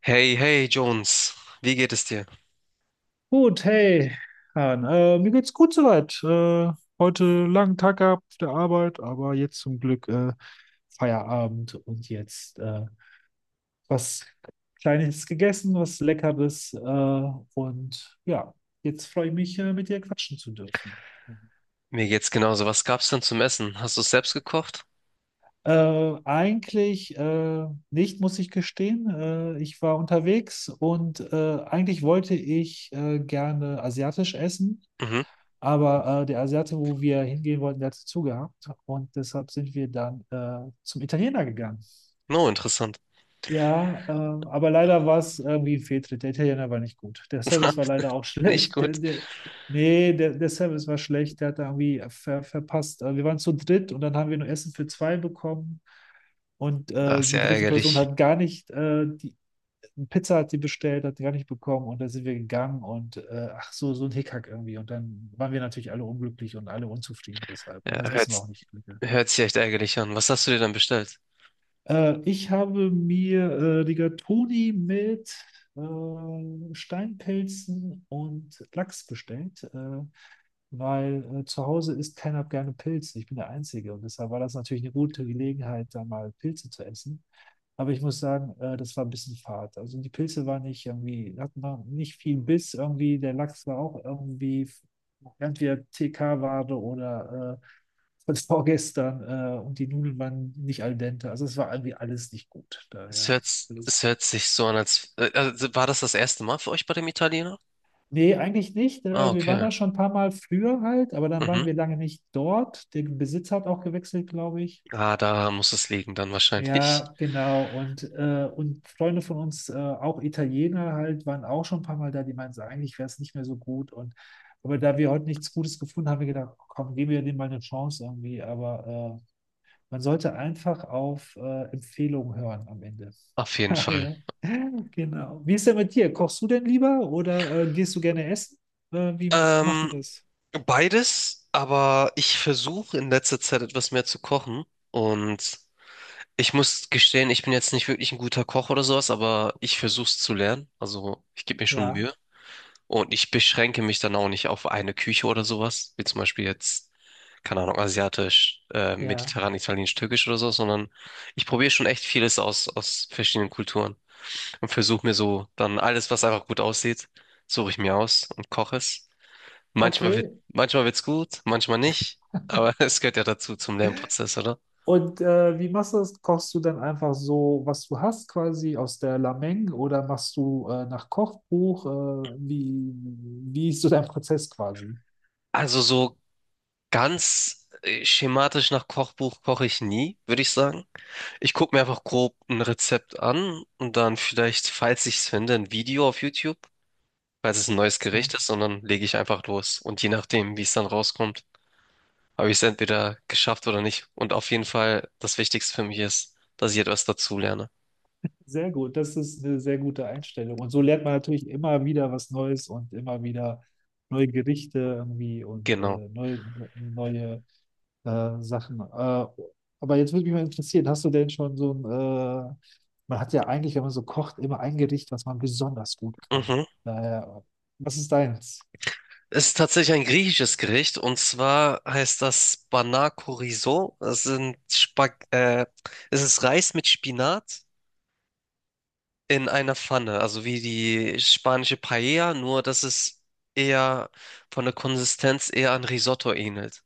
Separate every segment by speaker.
Speaker 1: Hey, hey, Jones, wie geht es dir?
Speaker 2: Gut, hey, Han. Mir geht's gut soweit. Heute langen Tag gehabt auf der Arbeit, aber jetzt zum Glück Feierabend und jetzt was Kleines gegessen, was Leckeres. Und ja, jetzt freue ich mich, mit dir quatschen zu dürfen.
Speaker 1: Mir geht's genauso. Was gab's denn zum Essen? Hast du es selbst gekocht?
Speaker 2: Eigentlich nicht, muss ich gestehen. Ich war unterwegs und eigentlich wollte ich gerne asiatisch essen,
Speaker 1: Mhm.
Speaker 2: aber der Asiate, wo wir hingehen wollten, der hatte zugehabt und deshalb sind wir dann zum Italiener gegangen.
Speaker 1: No, interessant.
Speaker 2: Ja, aber leider war es irgendwie ein Fehltritt. Der Italiener war nicht gut. Der Service war leider auch
Speaker 1: Nicht
Speaker 2: schlecht. Der,
Speaker 1: gut.
Speaker 2: der, nee, der Service war schlecht. Der hat da irgendwie verpasst. Wir waren zu dritt und dann haben wir nur Essen für zwei bekommen. Und
Speaker 1: Das ist ja
Speaker 2: die dritte Person
Speaker 1: ärgerlich.
Speaker 2: hat gar nicht, die Pizza hat sie bestellt, hat sie gar nicht bekommen und dann sind wir gegangen und ach so, so ein Hickhack irgendwie. Und dann waren wir natürlich alle unglücklich und alle unzufrieden deshalb. Und das
Speaker 1: Ja,
Speaker 2: Essen war auch
Speaker 1: hört's,
Speaker 2: nicht glücklich.
Speaker 1: Hört sich echt ärgerlich an. Was hast du dir dann bestellt?
Speaker 2: Ich habe mir Rigatoni mit Steinpilzen und Lachs bestellt, weil zu Hause isst keiner gerne Pilze. Ich bin der Einzige und deshalb war das natürlich eine gute Gelegenheit, da mal Pilze zu essen. Aber ich muss sagen, das war ein bisschen fad. Also die Pilze waren nicht irgendwie, hatten noch nicht viel Biss irgendwie. Der Lachs war auch irgendwie entweder TK-Ware oder von vorgestern und die Nudeln waren nicht al dente. Also es war irgendwie alles nicht gut. Daher alles.
Speaker 1: Es hört sich so an, also war das das erste Mal für euch bei dem Italiener?
Speaker 2: Nee, eigentlich nicht.
Speaker 1: Ah,
Speaker 2: Wir waren
Speaker 1: okay.
Speaker 2: da schon ein paar Mal früher halt, aber dann waren
Speaker 1: Mhm.
Speaker 2: wir lange nicht dort. Der Besitzer hat auch gewechselt, glaube ich.
Speaker 1: Ah, da muss es liegen dann wahrscheinlich.
Speaker 2: Ja, genau. Und Freunde von uns, auch Italiener halt, waren auch schon ein paar Mal da, die meinten, so, eigentlich wäre es nicht mehr so gut. Und aber da wir heute nichts Gutes gefunden haben, haben wir gedacht, komm, geben wir dem mal eine Chance irgendwie. Aber man sollte einfach auf Empfehlungen hören am Ende.
Speaker 1: Auf jeden Fall.
Speaker 2: Daher. Genau. Wie ist denn mit dir? Kochst du denn lieber oder gehst du gerne essen? Wie macht ihr
Speaker 1: Ähm,
Speaker 2: das?
Speaker 1: Beides, aber ich versuche in letzter Zeit etwas mehr zu kochen und ich muss gestehen, ich bin jetzt nicht wirklich ein guter Koch oder sowas, aber ich versuche es zu lernen. Also ich gebe mir schon
Speaker 2: Ja,
Speaker 1: Mühe. Und ich beschränke mich dann auch nicht auf eine Küche oder sowas, wie zum Beispiel jetzt, keine Ahnung, asiatisch,
Speaker 2: ja.
Speaker 1: mediterran, italienisch, türkisch oder so, sondern ich probiere schon echt vieles aus, aus verschiedenen Kulturen, und versuche mir so dann alles, was einfach gut aussieht, suche ich mir aus und koche es.
Speaker 2: Okay.
Speaker 1: Manchmal wird's gut, manchmal nicht, aber es gehört ja dazu zum Lernprozess, oder?
Speaker 2: Und wie machst du das? Kochst du dann einfach so, was du hast, quasi aus der Lameng oder machst du nach Kochbuch? Wie ist so dein Prozess quasi?
Speaker 1: Also so ganz schematisch nach Kochbuch koche ich nie, würde ich sagen. Ich gucke mir einfach grob ein Rezept an und dann vielleicht, falls ich es finde, ein Video auf YouTube, falls es ein neues Gericht ist, und dann lege ich einfach los. Und je nachdem, wie es dann rauskommt, habe ich es entweder geschafft oder nicht. Und auf jeden Fall, das Wichtigste für mich ist, dass ich etwas dazulerne.
Speaker 2: Sehr gut, das ist eine sehr gute Einstellung. Und so lernt man natürlich immer wieder was Neues und immer wieder neue Gerichte irgendwie und
Speaker 1: Genau.
Speaker 2: neue Sachen. Aber jetzt würde mich mal interessieren, hast du denn schon so ein, man hat ja eigentlich, wenn man so kocht, immer ein Gericht, was man besonders gut kann.
Speaker 1: Mhm.
Speaker 2: Daher, was ist deins?
Speaker 1: Es ist tatsächlich ein griechisches Gericht, und zwar heißt das Banakorizo. Das sind Spag Es ist Reis mit Spinat in einer Pfanne, also wie die spanische Paella, nur dass es eher von der Konsistenz eher an Risotto ähnelt.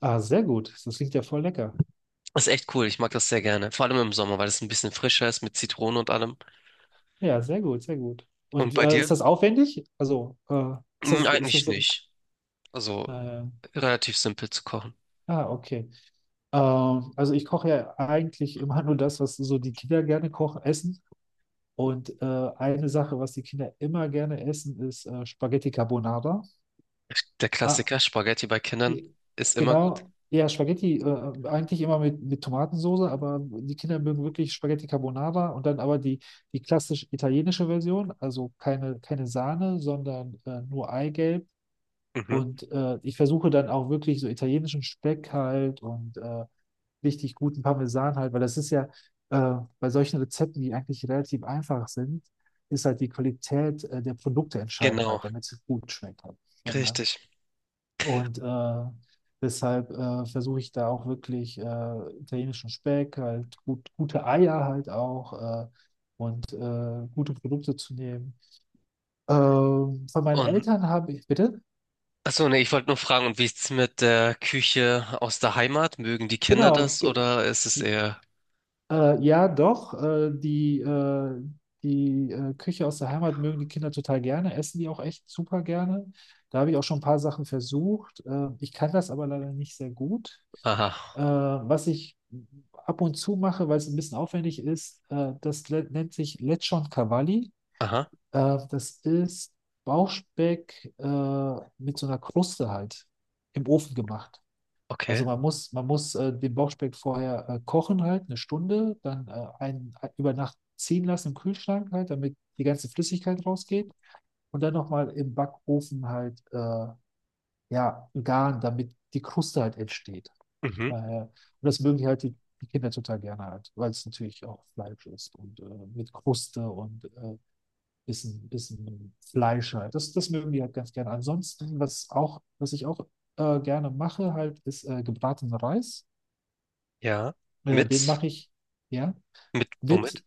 Speaker 2: Ah, sehr gut. Das klingt ja voll lecker.
Speaker 1: Ist echt cool, ich mag das sehr gerne. Vor allem im Sommer, weil es ein bisschen frischer ist mit Zitrone und allem.
Speaker 2: Ja, sehr gut, sehr gut.
Speaker 1: Und
Speaker 2: Und
Speaker 1: bei dir?
Speaker 2: ist das aufwendig? Also, ist das,
Speaker 1: Hm, eigentlich nicht. Also
Speaker 2: äh,
Speaker 1: relativ simpel zu kochen.
Speaker 2: ah, okay. Also ich koche ja eigentlich immer nur das, was so die Kinder gerne kochen, essen. Und eine Sache, was die Kinder immer gerne essen, ist Spaghetti Carbonara.
Speaker 1: Der
Speaker 2: Ah,
Speaker 1: Klassiker Spaghetti bei Kindern
Speaker 2: ge-
Speaker 1: ist immer gut.
Speaker 2: genau. Ja, Spaghetti eigentlich immer mit Tomatensoße, aber die Kinder mögen wirklich Spaghetti Carbonara und dann aber die, die klassisch italienische Version, also keine, keine Sahne, sondern nur Eigelb.
Speaker 1: Mhm.
Speaker 2: Und ich versuche dann auch wirklich so italienischen Speck halt und richtig guten Parmesan halt, weil das ist ja bei solchen Rezepten, die eigentlich relativ einfach sind, ist halt die Qualität der Produkte entscheidend
Speaker 1: Genau,
Speaker 2: halt, damit es gut schmeckt halt. Ja.
Speaker 1: richtig.
Speaker 2: Und deshalb versuche ich da auch wirklich italienischen Speck, halt gute Eier halt auch und gute Produkte zu nehmen. Von meinen
Speaker 1: Und
Speaker 2: Eltern habe ich, bitte?
Speaker 1: achso, nee, ich wollte nur fragen, und wie ist es mit der Küche aus der Heimat? Mögen die Kinder
Speaker 2: Genau,
Speaker 1: das oder ist es eher.
Speaker 2: ja, doch. Die Küche aus der Heimat mögen die Kinder total gerne, essen die auch echt super gerne. Da habe ich auch schon ein paar Sachen versucht. Ich kann das aber leider nicht sehr gut. Äh,
Speaker 1: Aha,
Speaker 2: was ich ab und zu mache, weil es ein bisschen aufwendig ist, das nennt sich Lechon Cavalli.
Speaker 1: aha,
Speaker 2: Das ist Bauchspeck mit so einer Kruste halt im Ofen gemacht. Also
Speaker 1: okay.
Speaker 2: man muss den Bauchspeck vorher kochen halt, eine Stunde, dann über Nacht ziehen lassen im Kühlschrank halt, damit die ganze Flüssigkeit rausgeht. Und dann nochmal im Backofen halt, ja, garen, damit die Kruste halt entsteht.
Speaker 1: Mhm,
Speaker 2: Daher, und das mögen die halt die Kinder total gerne halt, weil es natürlich auch Fleisch ist und mit Kruste und bisschen Fleisch halt. Das, das mögen die halt ganz gerne. Ansonsten, was ich auch gerne mache halt, ist gebratenen Reis.
Speaker 1: ja.
Speaker 2: Den
Speaker 1: Mit,
Speaker 2: mache ich, ja,
Speaker 1: Womit?
Speaker 2: mit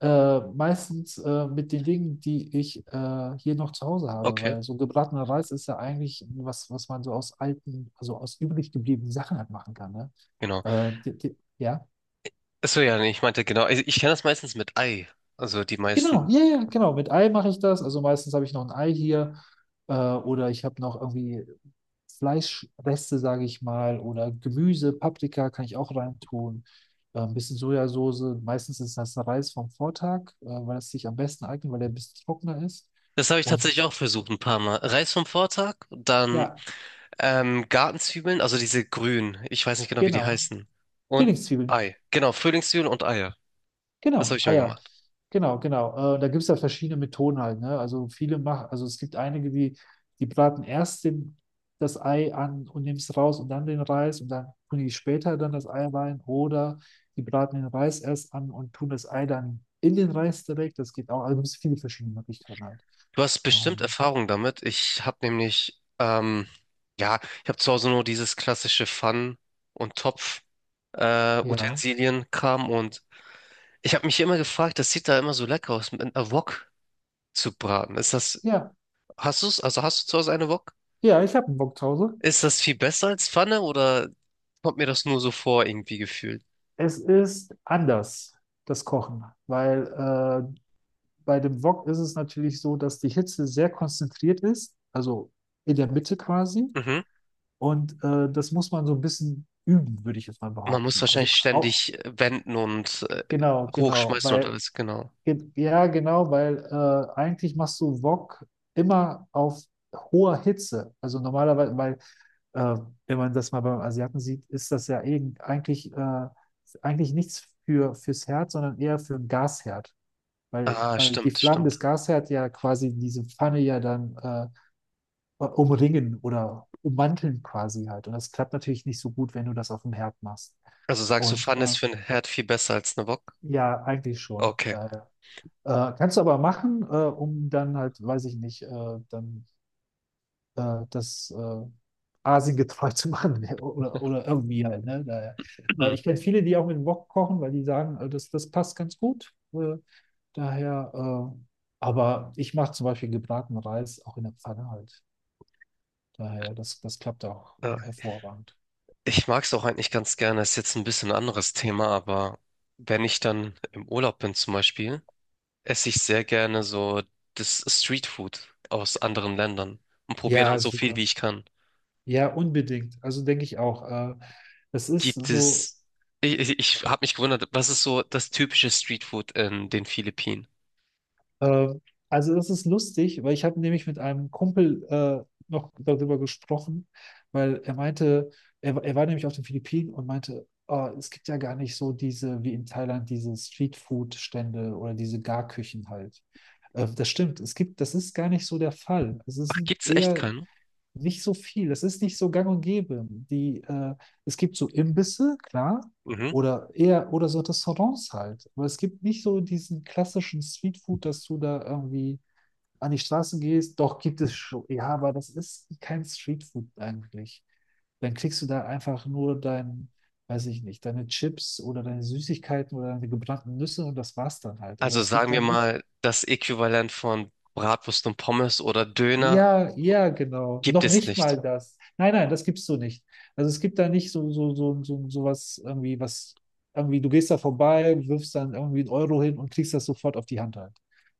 Speaker 2: meistens mit den Dingen, die ich hier noch zu Hause habe,
Speaker 1: Okay,
Speaker 2: weil so gebratener Reis ist ja eigentlich was, was man so aus alten, also aus übrig gebliebenen Sachen halt machen kann, ne?
Speaker 1: genau.
Speaker 2: Die, ja.
Speaker 1: Achso, ja, nee, ich meinte genau. Ich kenne das meistens mit Ei. Also die
Speaker 2: Genau,
Speaker 1: meisten.
Speaker 2: ja, ja, genau. Mit Ei mache ich das. Also meistens habe ich noch ein Ei hier oder ich habe noch irgendwie Fleischreste, sage ich mal, oder Gemüse, Paprika kann ich auch reintun. Ein bisschen Sojasauce. Meistens ist das Reis vom Vortag, weil es sich am besten eignet, weil der ein bisschen trockener ist.
Speaker 1: Das habe ich tatsächlich
Speaker 2: Und
Speaker 1: auch versucht, ein paar Mal. Reis vom Vortag, dann
Speaker 2: ja,
Speaker 1: ähm, Gartenzwiebeln, also diese grünen. Ich weiß nicht genau, wie die
Speaker 2: genau.
Speaker 1: heißen. Und
Speaker 2: Frühlingszwiebeln.
Speaker 1: Ei. Genau, Frühlingszwiebeln und Eier. Das habe
Speaker 2: Genau,
Speaker 1: ich
Speaker 2: ah
Speaker 1: mir
Speaker 2: ja,
Speaker 1: gemacht.
Speaker 2: genau, genau. Da gibt es ja verschiedene Methoden halt, ne? Also viele machen, also es gibt einige, die, die braten erst den, das Ei an und nehmen es raus und dann den Reis und dann tun die später dann das Ei rein oder die braten den Reis erst an und tun das Ei dann in den Reis direkt. Das geht auch, also es gibt viele verschiedene Möglichkeiten halt.
Speaker 1: Du hast
Speaker 2: Ah,
Speaker 1: bestimmt
Speaker 2: ja.
Speaker 1: Erfahrung damit. Ich habe nämlich, ja, ich habe zu Hause nur dieses klassische Pfannen- und Topf,
Speaker 2: Ja,
Speaker 1: Utensilienkram, und ich habe mich immer gefragt, das sieht da immer so lecker aus, mit einer Wok zu braten.
Speaker 2: ja,
Speaker 1: Hast du es? Also hast du zu Hause eine Wok?
Speaker 2: ja, ich habe einen Bock zu Hause.
Speaker 1: Ist das viel besser als Pfanne oder kommt mir das nur so vor irgendwie gefühlt?
Speaker 2: Es ist anders, das Kochen, weil bei dem Wok ist es natürlich so, dass die Hitze sehr konzentriert ist, also in der Mitte quasi.
Speaker 1: Mhm.
Speaker 2: Und das muss man so ein bisschen üben, würde ich jetzt mal
Speaker 1: Man muss
Speaker 2: behaupten. Also
Speaker 1: wahrscheinlich ständig wenden und
Speaker 2: genau, genau,
Speaker 1: hochschmeißen und
Speaker 2: weil
Speaker 1: alles, genau.
Speaker 2: ja genau, weil eigentlich machst du Wok immer auf hoher Hitze. Also normalerweise, weil äh, wenn man das mal beim Asiaten sieht, ist das ja eigentlich eigentlich nichts fürs Herz, sondern eher für einen Gasherd. Weil,
Speaker 1: Ah,
Speaker 2: weil die
Speaker 1: stimmt,
Speaker 2: Flammen des
Speaker 1: stimmt.
Speaker 2: Gasherd ja quasi diese Pfanne ja dann umringen oder ummanteln quasi halt. Und das klappt natürlich nicht so gut, wenn du das auf dem Herd machst.
Speaker 1: Also sagst du,
Speaker 2: Und
Speaker 1: Pfanne ist für einen Herd viel besser als eine Wok?
Speaker 2: ja, eigentlich schon.
Speaker 1: Okay.
Speaker 2: Daher. Kannst du aber machen, um dann halt, weiß ich nicht, dann das Asien getreu zu machen oder irgendwie halt. Ne? Daher. Äh,
Speaker 1: Mhm.
Speaker 2: ich kenne viele, die auch mit dem Wok kochen, weil die sagen, das, das passt ganz gut. Daher, äh, aber ich mache zum Beispiel gebratenen Reis auch in der Pfanne halt. Daher, das, das klappt auch
Speaker 1: Ja,
Speaker 2: hervorragend.
Speaker 1: ich mag es auch eigentlich ganz gerne. Ist jetzt ein bisschen anderes Thema, aber wenn ich dann im Urlaub bin zum Beispiel, esse ich sehr gerne so das Streetfood aus anderen Ländern und probiere dann
Speaker 2: Ja,
Speaker 1: so viel,
Speaker 2: super.
Speaker 1: wie ich kann.
Speaker 2: Ja, unbedingt. Also denke ich auch. Es ist
Speaker 1: Gibt
Speaker 2: so.
Speaker 1: es, Ich habe mich gewundert, was ist so das typische Streetfood in den Philippinen?
Speaker 2: Ähm, also das ist lustig, weil ich habe nämlich mit einem Kumpel noch darüber gesprochen, weil er meinte, er war nämlich auf den Philippinen und meinte, oh, es gibt ja gar nicht so diese, wie in Thailand, diese Streetfood-Stände oder diese Garküchen halt. Das stimmt, es gibt, das ist gar nicht so der Fall. Es
Speaker 1: Ach,
Speaker 2: ist
Speaker 1: gibt's echt
Speaker 2: eher
Speaker 1: keinen?
Speaker 2: nicht so viel. Es ist nicht so gang und gäbe. Es gibt so Imbisse, klar,
Speaker 1: Mhm.
Speaker 2: oder eher oder so Restaurants halt. Aber es gibt nicht so diesen klassischen Streetfood, dass du da irgendwie an die Straße gehst. Doch gibt es schon. Ja, aber das ist kein Streetfood eigentlich. Dann kriegst du da einfach nur dein, weiß ich nicht, deine Chips oder deine Süßigkeiten oder deine gebrannten Nüsse und das war's dann halt. Aber
Speaker 1: Also
Speaker 2: es gibt
Speaker 1: sagen wir
Speaker 2: dann nicht.
Speaker 1: mal, das Äquivalent von Bratwurst und Pommes oder Döner
Speaker 2: Ja, ja, genau.
Speaker 1: gibt
Speaker 2: Noch
Speaker 1: es
Speaker 2: nicht
Speaker 1: nicht.
Speaker 2: mal das. Nein, nein, das gibst du nicht. Also es gibt da nicht so was irgendwie, du gehst da vorbei, wirfst dann irgendwie 1 Euro hin und kriegst das sofort auf die Hand halt.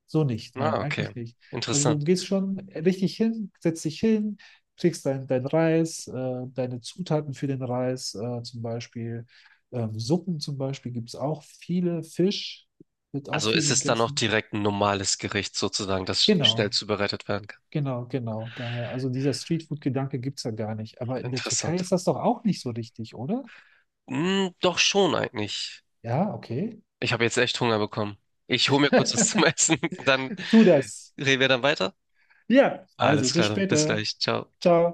Speaker 2: So nicht, nein,
Speaker 1: Ah, okay.
Speaker 2: eigentlich nicht. Also du
Speaker 1: Interessant.
Speaker 2: gehst schon richtig hin, setzt dich hin, kriegst dein Reis, deine Zutaten für den Reis, zum Beispiel, Suppen zum Beispiel gibt es auch viele, Fisch wird auch
Speaker 1: Also
Speaker 2: viel
Speaker 1: ist es dann auch
Speaker 2: gegessen.
Speaker 1: direkt ein normales Gericht sozusagen, das schnell
Speaker 2: Genau.
Speaker 1: zubereitet werden kann.
Speaker 2: Genau, genau. Daher, also dieser Streetfood-Gedanke gibt's ja gar nicht. Aber in der Türkei
Speaker 1: Interessant.
Speaker 2: ist das doch auch nicht so richtig, oder?
Speaker 1: Hm, doch schon eigentlich.
Speaker 2: Ja, okay.
Speaker 1: Ich habe jetzt echt Hunger bekommen. Ich hole mir kurz was zum Essen, dann
Speaker 2: Tu das.
Speaker 1: reden wir dann weiter.
Speaker 2: Ja, also
Speaker 1: Alles
Speaker 2: bis
Speaker 1: klar, dann bis
Speaker 2: später.
Speaker 1: gleich. Ciao.
Speaker 2: Ciao.